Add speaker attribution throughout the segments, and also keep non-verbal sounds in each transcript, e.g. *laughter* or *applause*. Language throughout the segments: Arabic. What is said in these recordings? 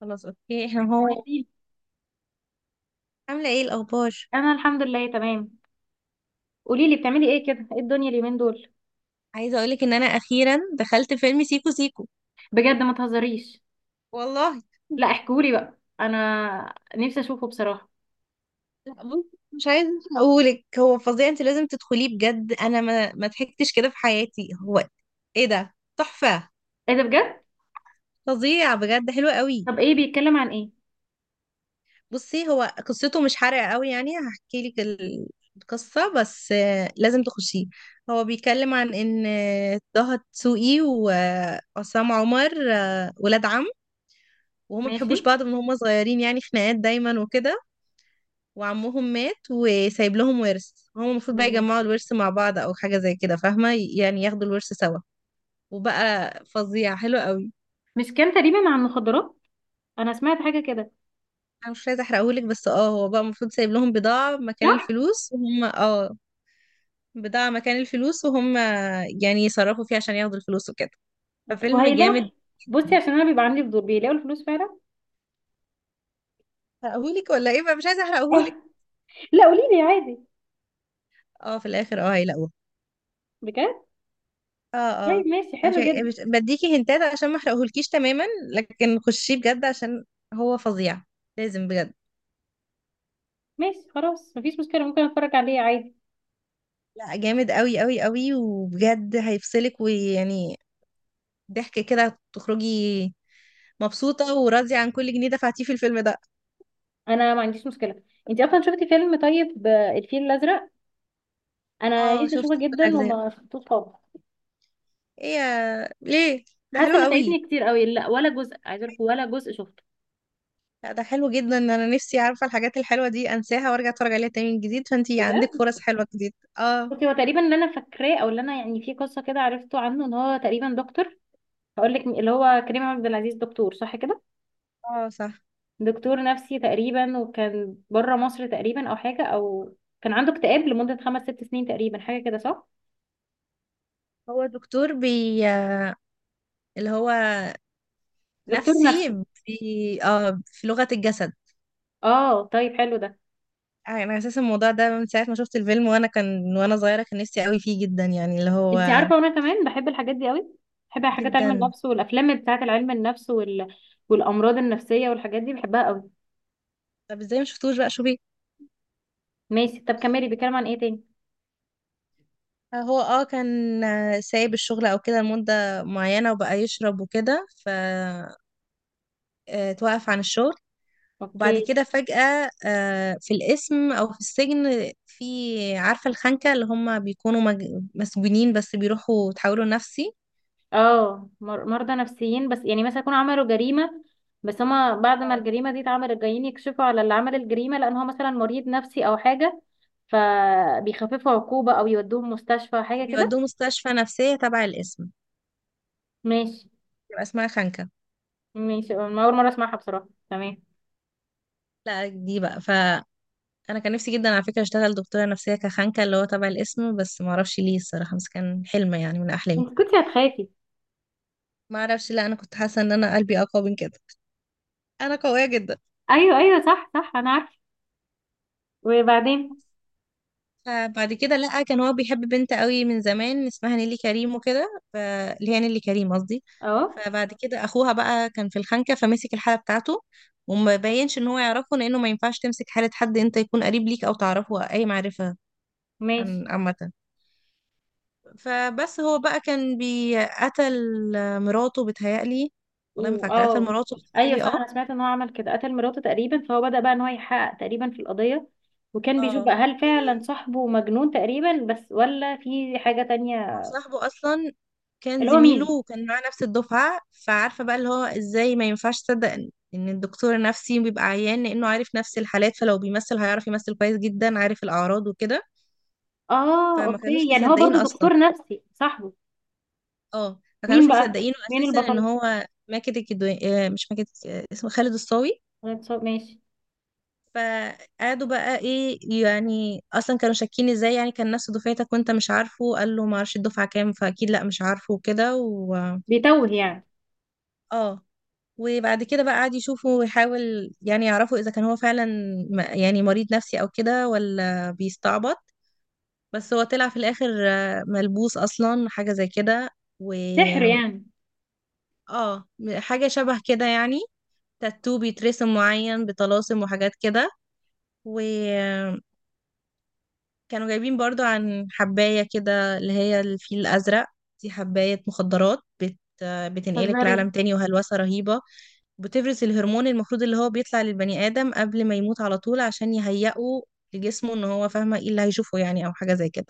Speaker 1: خلاص، اوكي. *laughs* هو
Speaker 2: جميل.
Speaker 1: عامله ايه الاخبار؟
Speaker 2: انا الحمد لله تمام. قولي لي بتعملي ايه كده، ايه الدنيا اليومين دول؟
Speaker 1: عايزه اقولك ان انا اخيرا دخلت فيلم سيكو سيكو.
Speaker 2: بجد، ما تهزريش.
Speaker 1: والله.
Speaker 2: لا احكولي بقى، انا نفسي اشوفه بصراحه.
Speaker 1: لا بصي، مش عايزه اقولك، هو فظيع، انت لازم تدخليه بجد. انا ما ضحكتش كده في حياتي. هو ايه ده، تحفه،
Speaker 2: ايه ده بجد؟
Speaker 1: فظيع بجد، حلو قوي.
Speaker 2: طب ايه بيتكلم عن ايه؟
Speaker 1: بصي هو قصته مش حرقه قوي يعني، هحكي لك القصه بس لازم تخشيه. هو بيتكلم عن ان طه دسوقي وعصام عمر ولاد عم، وهم ما
Speaker 2: ماشي
Speaker 1: بيحبوش بعض من هم صغيرين، يعني خناقات دايما وكده. وعمهم مات وسايب لهم ورث، هم المفروض بقى
Speaker 2: ماشي.
Speaker 1: يجمعوا الورث مع بعض او حاجه زي كده، فاهمه؟ يعني ياخدوا الورث سوا. وبقى فظيع، حلو قوي.
Speaker 2: مش كان تقريبا عن المخدرات؟ انا سمعت حاجه كده.
Speaker 1: انا مش عايزه احرقهولك بس اه، هو بقى المفروض سايب لهم بضاعه مكان
Speaker 2: صح.
Speaker 1: الفلوس، وهم اه بضاعه مكان الفلوس وهم يعني يصرفوا فيها عشان ياخدوا الفلوس وكده. ففيلم
Speaker 2: وهيلاقوا؟
Speaker 1: جامد.
Speaker 2: بصي عشان انا بيبقى عندي فضول، بيلاقوا الفلوس فعلا؟
Speaker 1: احرقهولك ولا ايه بقى؟ مش عايزه
Speaker 2: اه.
Speaker 1: احرقهولك.
Speaker 2: لا قولي لي عادي.
Speaker 1: اه، في الاخر اه هيلاقوه.
Speaker 2: بجد؟
Speaker 1: اه اه.
Speaker 2: طيب ماشي،
Speaker 1: مش
Speaker 2: حلو جدا.
Speaker 1: بديكي هنتات عشان ما احرقهولكيش تماما، لكن خشيه بجد عشان هو فظيع، لازم بجد.
Speaker 2: ماشي خلاص، مفيش مشكله، ممكن اتفرج عليه عادي.
Speaker 1: لا، جامد قوي قوي قوي، وبجد هيفصلك، ويعني ضحك كده تخرجي مبسوطة وراضية عن كل جنيه دفعتيه في الفيلم ده.
Speaker 2: انا ما عنديش مشكله. انت اصلا شفتي فيلم طيب الفيل الازرق؟ انا
Speaker 1: اه
Speaker 2: نفسي
Speaker 1: شفت
Speaker 2: اشوفه
Speaker 1: كل
Speaker 2: جدا
Speaker 1: الأجزاء.
Speaker 2: وما شفتوش خالص.
Speaker 1: ايه ليه؟ ده
Speaker 2: حاسه
Speaker 1: حلو
Speaker 2: ان
Speaker 1: قوي.
Speaker 2: فايتني كتير قوي، لا ولا جزء، عايزه اقول لك، ولا جزء شفته.
Speaker 1: لا ده حلو جدا، انا نفسي عارفة الحاجات الحلوة دي انساها وارجع اتفرج عليها تاني من جديد، فانتي
Speaker 2: بجد؟
Speaker 1: عندك فرص حلوة جديد. اه.
Speaker 2: بصي، هو تقريبا اللي انا فاكراه، او اللي انا يعني في قصه كده عرفته عنه، ان هو تقريبا دكتور. هقول لك، اللي هو كريم عبد العزيز، دكتور صح كده؟
Speaker 1: اه صح.
Speaker 2: دكتور نفسي تقريبا، وكان بره مصر تقريبا، او حاجه، او كان عنده اكتئاب لمده خمس ست سنين تقريبا، حاجه كده، صح؟
Speaker 1: هو دكتور اللي هو
Speaker 2: دكتور نفسي.
Speaker 1: نفسي في، اه، في لغة الجسد.
Speaker 2: اه، طيب حلو ده.
Speaker 1: انا اساسا الموضوع ده من ساعة ما شفت الفيلم، وانا كان من وانا صغيرة كان نفسي قوي فيه جدا، يعني اللي هو.
Speaker 2: انت عارفه، وانا كمان بحب الحاجات دي قوي. بحب حاجات علم
Speaker 1: جدا.
Speaker 2: النفس، والافلام بتاعه العلم النفس، وال... والامراض النفسيه، والحاجات دي بحبها قوي.
Speaker 1: طب ازاي ما شفتوش بقى؟ شو بيه.
Speaker 2: ماشي، طب كملي، بيتكلم عن ايه تاني؟
Speaker 1: هو اه كان سايب الشغل او كده لمدة معينة، وبقى يشرب وكده، ف توقف عن الشغل. وبعد
Speaker 2: اوكي.
Speaker 1: كده فجأة في القسم او في السجن، في عارفة الخنكة اللي هم بيكونوا مسجونين بس بيروحوا تحولوا نفسي.
Speaker 2: اه، مرضى نفسيين، بس يعني مثلا يكونوا عملوا جريمه، بس هما بعد ما
Speaker 1: آه.
Speaker 2: الجريمه دي اتعملت، جايين يكشفوا على اللي عمل الجريمه، لان هو مثلا مريض نفسي او حاجه، فبيخففوا عقوبه، او يودوهم مستشفى، حاجه كده.
Speaker 1: بيودوه مستشفى نفسية تبع القسم،
Speaker 2: ماشي.
Speaker 1: يبقى اسمها خانكة.
Speaker 2: ماشي، أنا اول مره اسمعها بصراحه، تمام.
Speaker 1: لا دي بقى، فأنا كان نفسي جدا على فكرة أشتغل دكتورة نفسية كخانكة، اللي هو تبع الاسم، بس ما أعرفش ليه الصراحة، بس كان حلم يعني من أحلامي.
Speaker 2: انت كنتي هتخافي؟
Speaker 1: ما أعرفش، لا أنا كنت حاسة إن أنا قلبي أقوى من كده، أنا قوية جدا.
Speaker 2: ايوه ايوه، صح صح، انا عارفه. وبعدين؟
Speaker 1: فبعد كده لا، كان هو بيحب بنت قوي من زمان اسمها نيلي كريم وكده اللي هي نيلي كريم قصدي.
Speaker 2: اهو.
Speaker 1: فبعد كده أخوها بقى كان في الخانكة، فمسك الحالة بتاعته وما بينش إن هو يعرفه، لأنه ما ينفعش تمسك حالة حد أنت يكون قريب ليك أو تعرفه أي معرفة
Speaker 2: ماشي.
Speaker 1: عن عامة. فبس هو بقى كان بيقتل مراته، بتهيألي. والله ما فاكرة، قتل
Speaker 2: واه.
Speaker 1: مراته
Speaker 2: ايوه
Speaker 1: بتهيألي،
Speaker 2: صح،
Speaker 1: اه.
Speaker 2: انا سمعت ان هو عمل كده، قتل مراته تقريبا، فهو بدأ بقى ان هو يحقق تقريبا في القضية، وكان بيشوف
Speaker 1: اه.
Speaker 2: بقى هل فعلا صاحبه مجنون تقريبا بس، ولا في حاجة
Speaker 1: هو
Speaker 2: تانية.
Speaker 1: صاحبه اصلا كان
Speaker 2: اللي هو
Speaker 1: زميله
Speaker 2: مين؟
Speaker 1: وكان معاه نفس الدفعة. فعارفة بقى اللي هو ازاي ما ينفعش تصدق ان إن الدكتور النفسي بيبقى عيان، لانه عارف نفس الحالات، فلو بيمثل هيعرف يمثل كويس جدا، عارف الاعراض وكده.
Speaker 2: اه
Speaker 1: فما
Speaker 2: اوكي،
Speaker 1: كانوش
Speaker 2: يعني هو
Speaker 1: مصدقين
Speaker 2: برضو
Speaker 1: اصلا.
Speaker 2: دكتور نفسي صاحبه؟
Speaker 1: اه ما
Speaker 2: مين
Speaker 1: كانوش
Speaker 2: بقى؟
Speaker 1: مصدقينه
Speaker 2: مين
Speaker 1: اساسا ان
Speaker 2: البطل؟
Speaker 1: هو ماكد الكدواني، مش ماكد، اسمه خالد الصاوي.
Speaker 2: ماشي.
Speaker 1: فقعدوا بقى ايه يعني، اصلا كانوا شاكين، ازاي يعني كان نفس دفعتك وانت مش عارفه؟ قال له ما اعرفش الدفعه كام، فاكيد لا مش عارفه وكده. و
Speaker 2: بيتوه يعني.
Speaker 1: اه. وبعد كده بقى قعد يشوفه ويحاول يعني يعرفوا اذا كان هو فعلا يعني مريض نفسي او كده، ولا بيستعبط. بس هو طلع في الاخر ملبوس اصلا، حاجه زي كده. و
Speaker 2: سحر يعني؟
Speaker 1: اه، حاجه شبه كده يعني، تاتو بيترسم معين، بطلاسم وحاجات كده. و كانوا جايبين برضو عن حباية كده، اللي هي الفيل الأزرق، دي حباية مخدرات بتنقلك لعالم
Speaker 2: هزاري.
Speaker 1: تاني، وهلوسة رهيبة، بتفرز الهرمون المفروض اللي هو بيطلع للبني آدم قبل ما يموت على طول، عشان يهيئه لجسمه ان هو، فاهمة، ايه اللي هيشوفه يعني، او حاجة زي كده.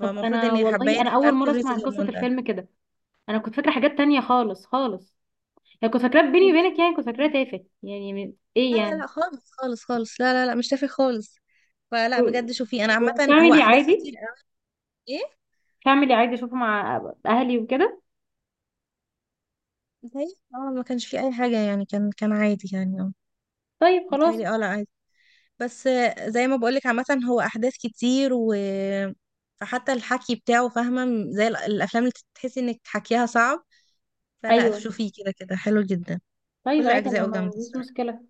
Speaker 2: طب انا
Speaker 1: ان
Speaker 2: والله،
Speaker 1: الحباية
Speaker 2: انا
Speaker 1: دي بقى
Speaker 2: اول مرة
Speaker 1: بتفرز
Speaker 2: اسمع قصة
Speaker 1: الهرمون ده.
Speaker 2: الفيلم كده. انا كنت فاكرة حاجات تانية خالص خالص. يعني كنت فاكراه بيني وبينك، يعني كنت فاكراه تافه، يعني ايه
Speaker 1: لا لا
Speaker 2: يعني.
Speaker 1: لا خالص خالص خالص، لا لا لا مش تافه خالص. فلا
Speaker 2: و-
Speaker 1: بجد شوفي، انا عامة هو
Speaker 2: وفاميلي
Speaker 1: احداث
Speaker 2: عادي.
Speaker 1: كتير قوي. ايه.
Speaker 2: فاميلي عادي اشوفه مع اهلي وكده.
Speaker 1: زي اه، ما كانش فيه اي حاجة يعني، كان عادي يعني.
Speaker 2: طيب خلاص.
Speaker 1: متهيألي، اه، لا عادي. بس زي ما بقولك عامة، هو أحداث كتير، و فحتى الحكي بتاعه، فاهمة، زي الأفلام اللي تحسي إنك حكيها صعب. فلا
Speaker 2: ايوه.
Speaker 1: شوفيه، كده كده حلو جدا،
Speaker 2: طيب
Speaker 1: كل
Speaker 2: عادي، انا
Speaker 1: أجزائه
Speaker 2: ما
Speaker 1: جامدة
Speaker 2: عنديش
Speaker 1: الصراحة.
Speaker 2: مشكله.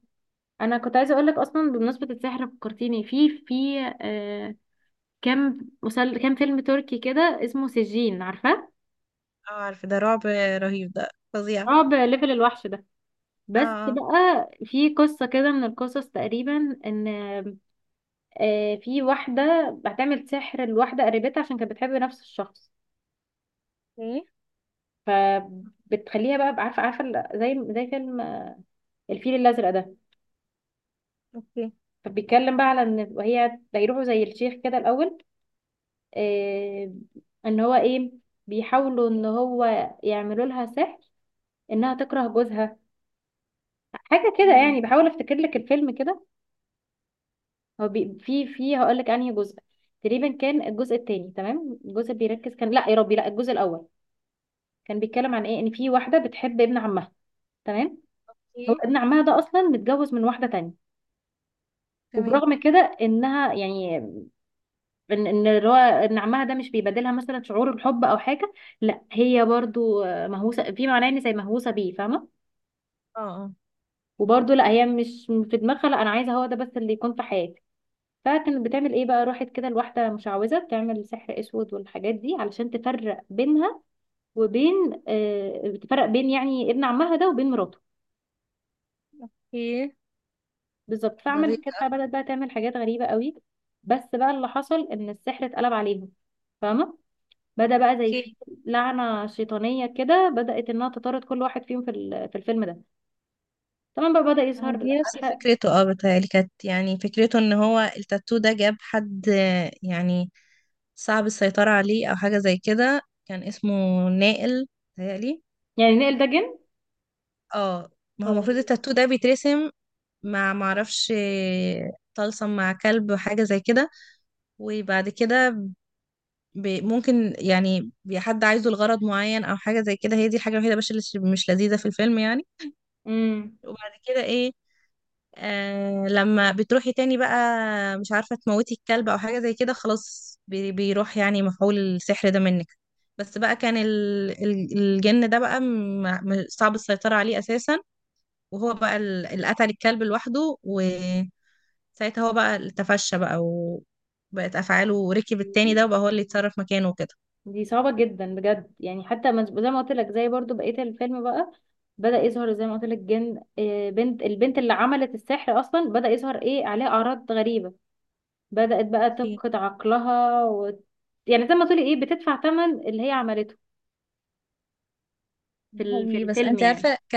Speaker 2: انا كنت عايزه اقول لك، اصلا بمناسبه السحر فكرتيني في كام فيلم تركي كده، اسمه سجين، عارفاه؟
Speaker 1: اه عارفة ده رعب، رهيب ده، فظيع.
Speaker 2: رعب ليفل الوحش ده.
Speaker 1: اه
Speaker 2: بس
Speaker 1: اه.
Speaker 2: بقى في قصه كده من القصص تقريبا، ان في واحده هتعمل سحر لواحده قريبتها، عشان كانت بتحب نفس الشخص.
Speaker 1: اوكي.
Speaker 2: ف بتخليها بقى، عارفه عارفه، زي فيلم الفيل الازرق ده.
Speaker 1: اوكي.
Speaker 2: فبيتكلم بقى على ان، وهي بيروحوا زي الشيخ كده الاول، آه ان هو ايه، بيحاولوا ان هو يعملوا لها سحر، انها تكره جوزها، حاجه كده
Speaker 1: امم.
Speaker 2: يعني. بحاول افتكر لك الفيلم كده. هو بي، في هقول لك انهي جزء. تقريبا كان الجزء الثاني، تمام الجزء اللي بيركز، كان لا يا ربي، لا الجزء الاول كان بيتكلم عن ايه، ان في واحده بتحب ابن عمها، تمام. هو
Speaker 1: اوكي.
Speaker 2: ابن عمها ده اصلا متجوز من واحده تانية،
Speaker 1: تمام.
Speaker 2: وبرغم كده انها يعني ان اللي هو ان عمها ده مش بيبادلها مثلا شعور الحب او حاجه، لا هي برضو مهووسه في معناه، ان زي مهووسه بيه، فاهمه؟
Speaker 1: اه اه.
Speaker 2: وبرضو لا هي مش في دماغها، لا انا عايزه هو ده بس اللي يكون في حياتي. فكانت بتعمل ايه بقى، راحت كده لواحده مشعوذه بتعمل سحر اسود والحاجات دي، علشان تفرق بينها وبين، بتفرق بين يعني ابن عمها ده وبين مراته.
Speaker 1: اوكي.
Speaker 2: بالظبط.
Speaker 1: بعدين.
Speaker 2: فعملت كده، بدأت بقى تعمل حاجات غريبه قوي. بس بقى اللي حصل، ان السحر اتقلب عليهم، فاهمه؟ بدأ بقى زي في
Speaker 1: اوكي.
Speaker 2: لعنة شيطانية كده، بدأت انها تطارد كل واحد فيهم في في الفيلم ده. طبعا بقى بدأ يظهر،
Speaker 1: دي نفس
Speaker 2: عارفة،
Speaker 1: فكرته، اه بتهيألي كانت يعني فكرته ان هو التاتو ده جاب حد يعني صعب السيطرة عليه أو حاجة زي كده. كان اسمه نائل تهيألي.
Speaker 2: يعني نقل ده جن،
Speaker 1: اه. ما هو المفروض
Speaker 2: فظيع.
Speaker 1: التاتو ده بيترسم، مع، معرفش، طلسم مع كلب وحاجة زي كده. وبعد كده ممكن يعني حد عايزه لغرض معين أو حاجة زي كده. هي دي الحاجة الوحيدة بس اللي مش لذيذة في الفيلم يعني.
Speaker 2: امم
Speaker 1: وبعد كده ايه، آه لما بتروحي تاني بقى، مش عارفة، تموتي الكلب أو حاجة زي كده، خلاص بيروح يعني مفعول السحر ده منك. بس بقى كان الجن ده بقى صعب السيطرة عليه أساسا. وهو بقى اللي قتل الكلب لوحده. وساعتها هو بقى اللي تفشى بقى وبقت أفعاله، وركب التاني ده، وبقى هو اللي يتصرف مكانه وكده.
Speaker 2: دي صعبة جدا بجد، يعني حتى زي ما قلت لك، زي برضو بقية الفيلم بقى، بدأ يظهر زي ما قلت لك جن، بنت البنت اللي عملت السحر أصلا بدأ يظهر ايه عليها أعراض غريبة، بدأت بقى
Speaker 1: اوكي.
Speaker 2: تفقد عقلها و... يعني زي ما تقولي ايه، بتدفع ثمن اللي هي عملته في
Speaker 1: ده
Speaker 2: في
Speaker 1: حقيقي بس
Speaker 2: الفيلم
Speaker 1: انت
Speaker 2: يعني.
Speaker 1: عارفه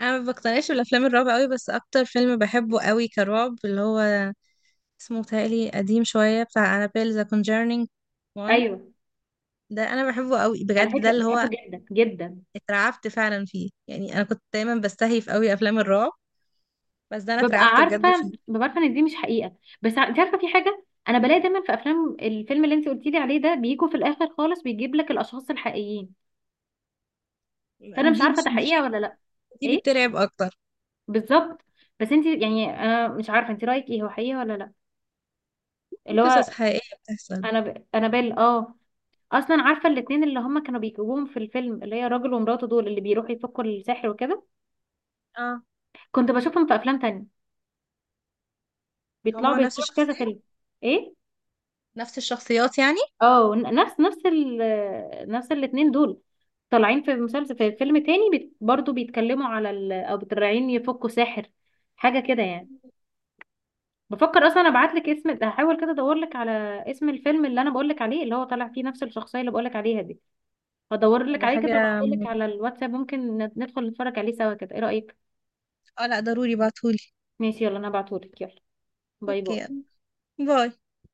Speaker 1: انا ما بقتنعش بالافلام الرعب قوي، بس اكتر فيلم بحبه قوي كرعب اللي هو اسمه تالي، قديم شويه، بتاع انابيل ذا كونجرنينج 1.
Speaker 2: ايوه،
Speaker 1: ده انا بحبه قوي
Speaker 2: على
Speaker 1: بجد، ده
Speaker 2: فكرة
Speaker 1: اللي هو
Speaker 2: بحبه جدا جدا.
Speaker 1: اترعبت فعلا فيه يعني. انا كنت دايما بستهيف قوي افلام الرعب، بس ده انا
Speaker 2: ببقى
Speaker 1: اترعبت بجد
Speaker 2: عارفه
Speaker 1: فيه.
Speaker 2: ببقى عارفه ان دي مش حقيقه، بس انت عارفه، في حاجه انا بلاقي دايما في افلام، الفيلم اللي انت قلتي لي عليه ده بيجوا في الاخر خالص بيجيب لك الاشخاص الحقيقيين، فانا مش
Speaker 1: دي
Speaker 2: عارفه
Speaker 1: بقى،
Speaker 2: ده حقيقه
Speaker 1: دي
Speaker 2: ولا لا.
Speaker 1: دي
Speaker 2: ايه
Speaker 1: بترعب اكتر.
Speaker 2: بالظبط. بس انت يعني، انا مش عارفه انت رايك ايه، هو حقيقه ولا لا، اللي
Speaker 1: قصص
Speaker 2: هو
Speaker 1: حقيقيه بتحصل.
Speaker 2: انا ب... انا بال اه اصلا عارفه الاتنين اللي هما كانوا بيجيبوهم في الفيلم، اللي هي راجل ومراته دول اللي بيروحوا يفكوا السحر وكده،
Speaker 1: اه.
Speaker 2: كنت بشوفهم في افلام تانية،
Speaker 1: هو ما
Speaker 2: بيطلعوا
Speaker 1: هو نفس
Speaker 2: بيصوروا في كذا
Speaker 1: الشخصيه،
Speaker 2: فيلم. ايه،
Speaker 1: نفس الشخصيات يعني.
Speaker 2: اه نفس الاتنين دول، طالعين في مسلسل، في فيلم تاني بيت برضو بيتكلموا على ال... او طالعين يفكوا ساحر، حاجة كده يعني. بفكر اصلا ابعت لك اسم، هحاول كده ادور لك على اسم الفيلم اللي انا بقول لك عليه، اللي هو طالع فيه نفس الشخصية اللي بقول لك عليها دي، هدور لك
Speaker 1: ده
Speaker 2: عليه كده
Speaker 1: حاجه
Speaker 2: وابعته لك
Speaker 1: مهمه.
Speaker 2: على الواتساب، ممكن ندخل نتفرج عليه سوا كده، ايه رأيك؟
Speaker 1: اه لا ضروري بعتهولي.
Speaker 2: ماشي، يلا انا هبعته لك، يلا. باي باي.
Speaker 1: اوكي. باي.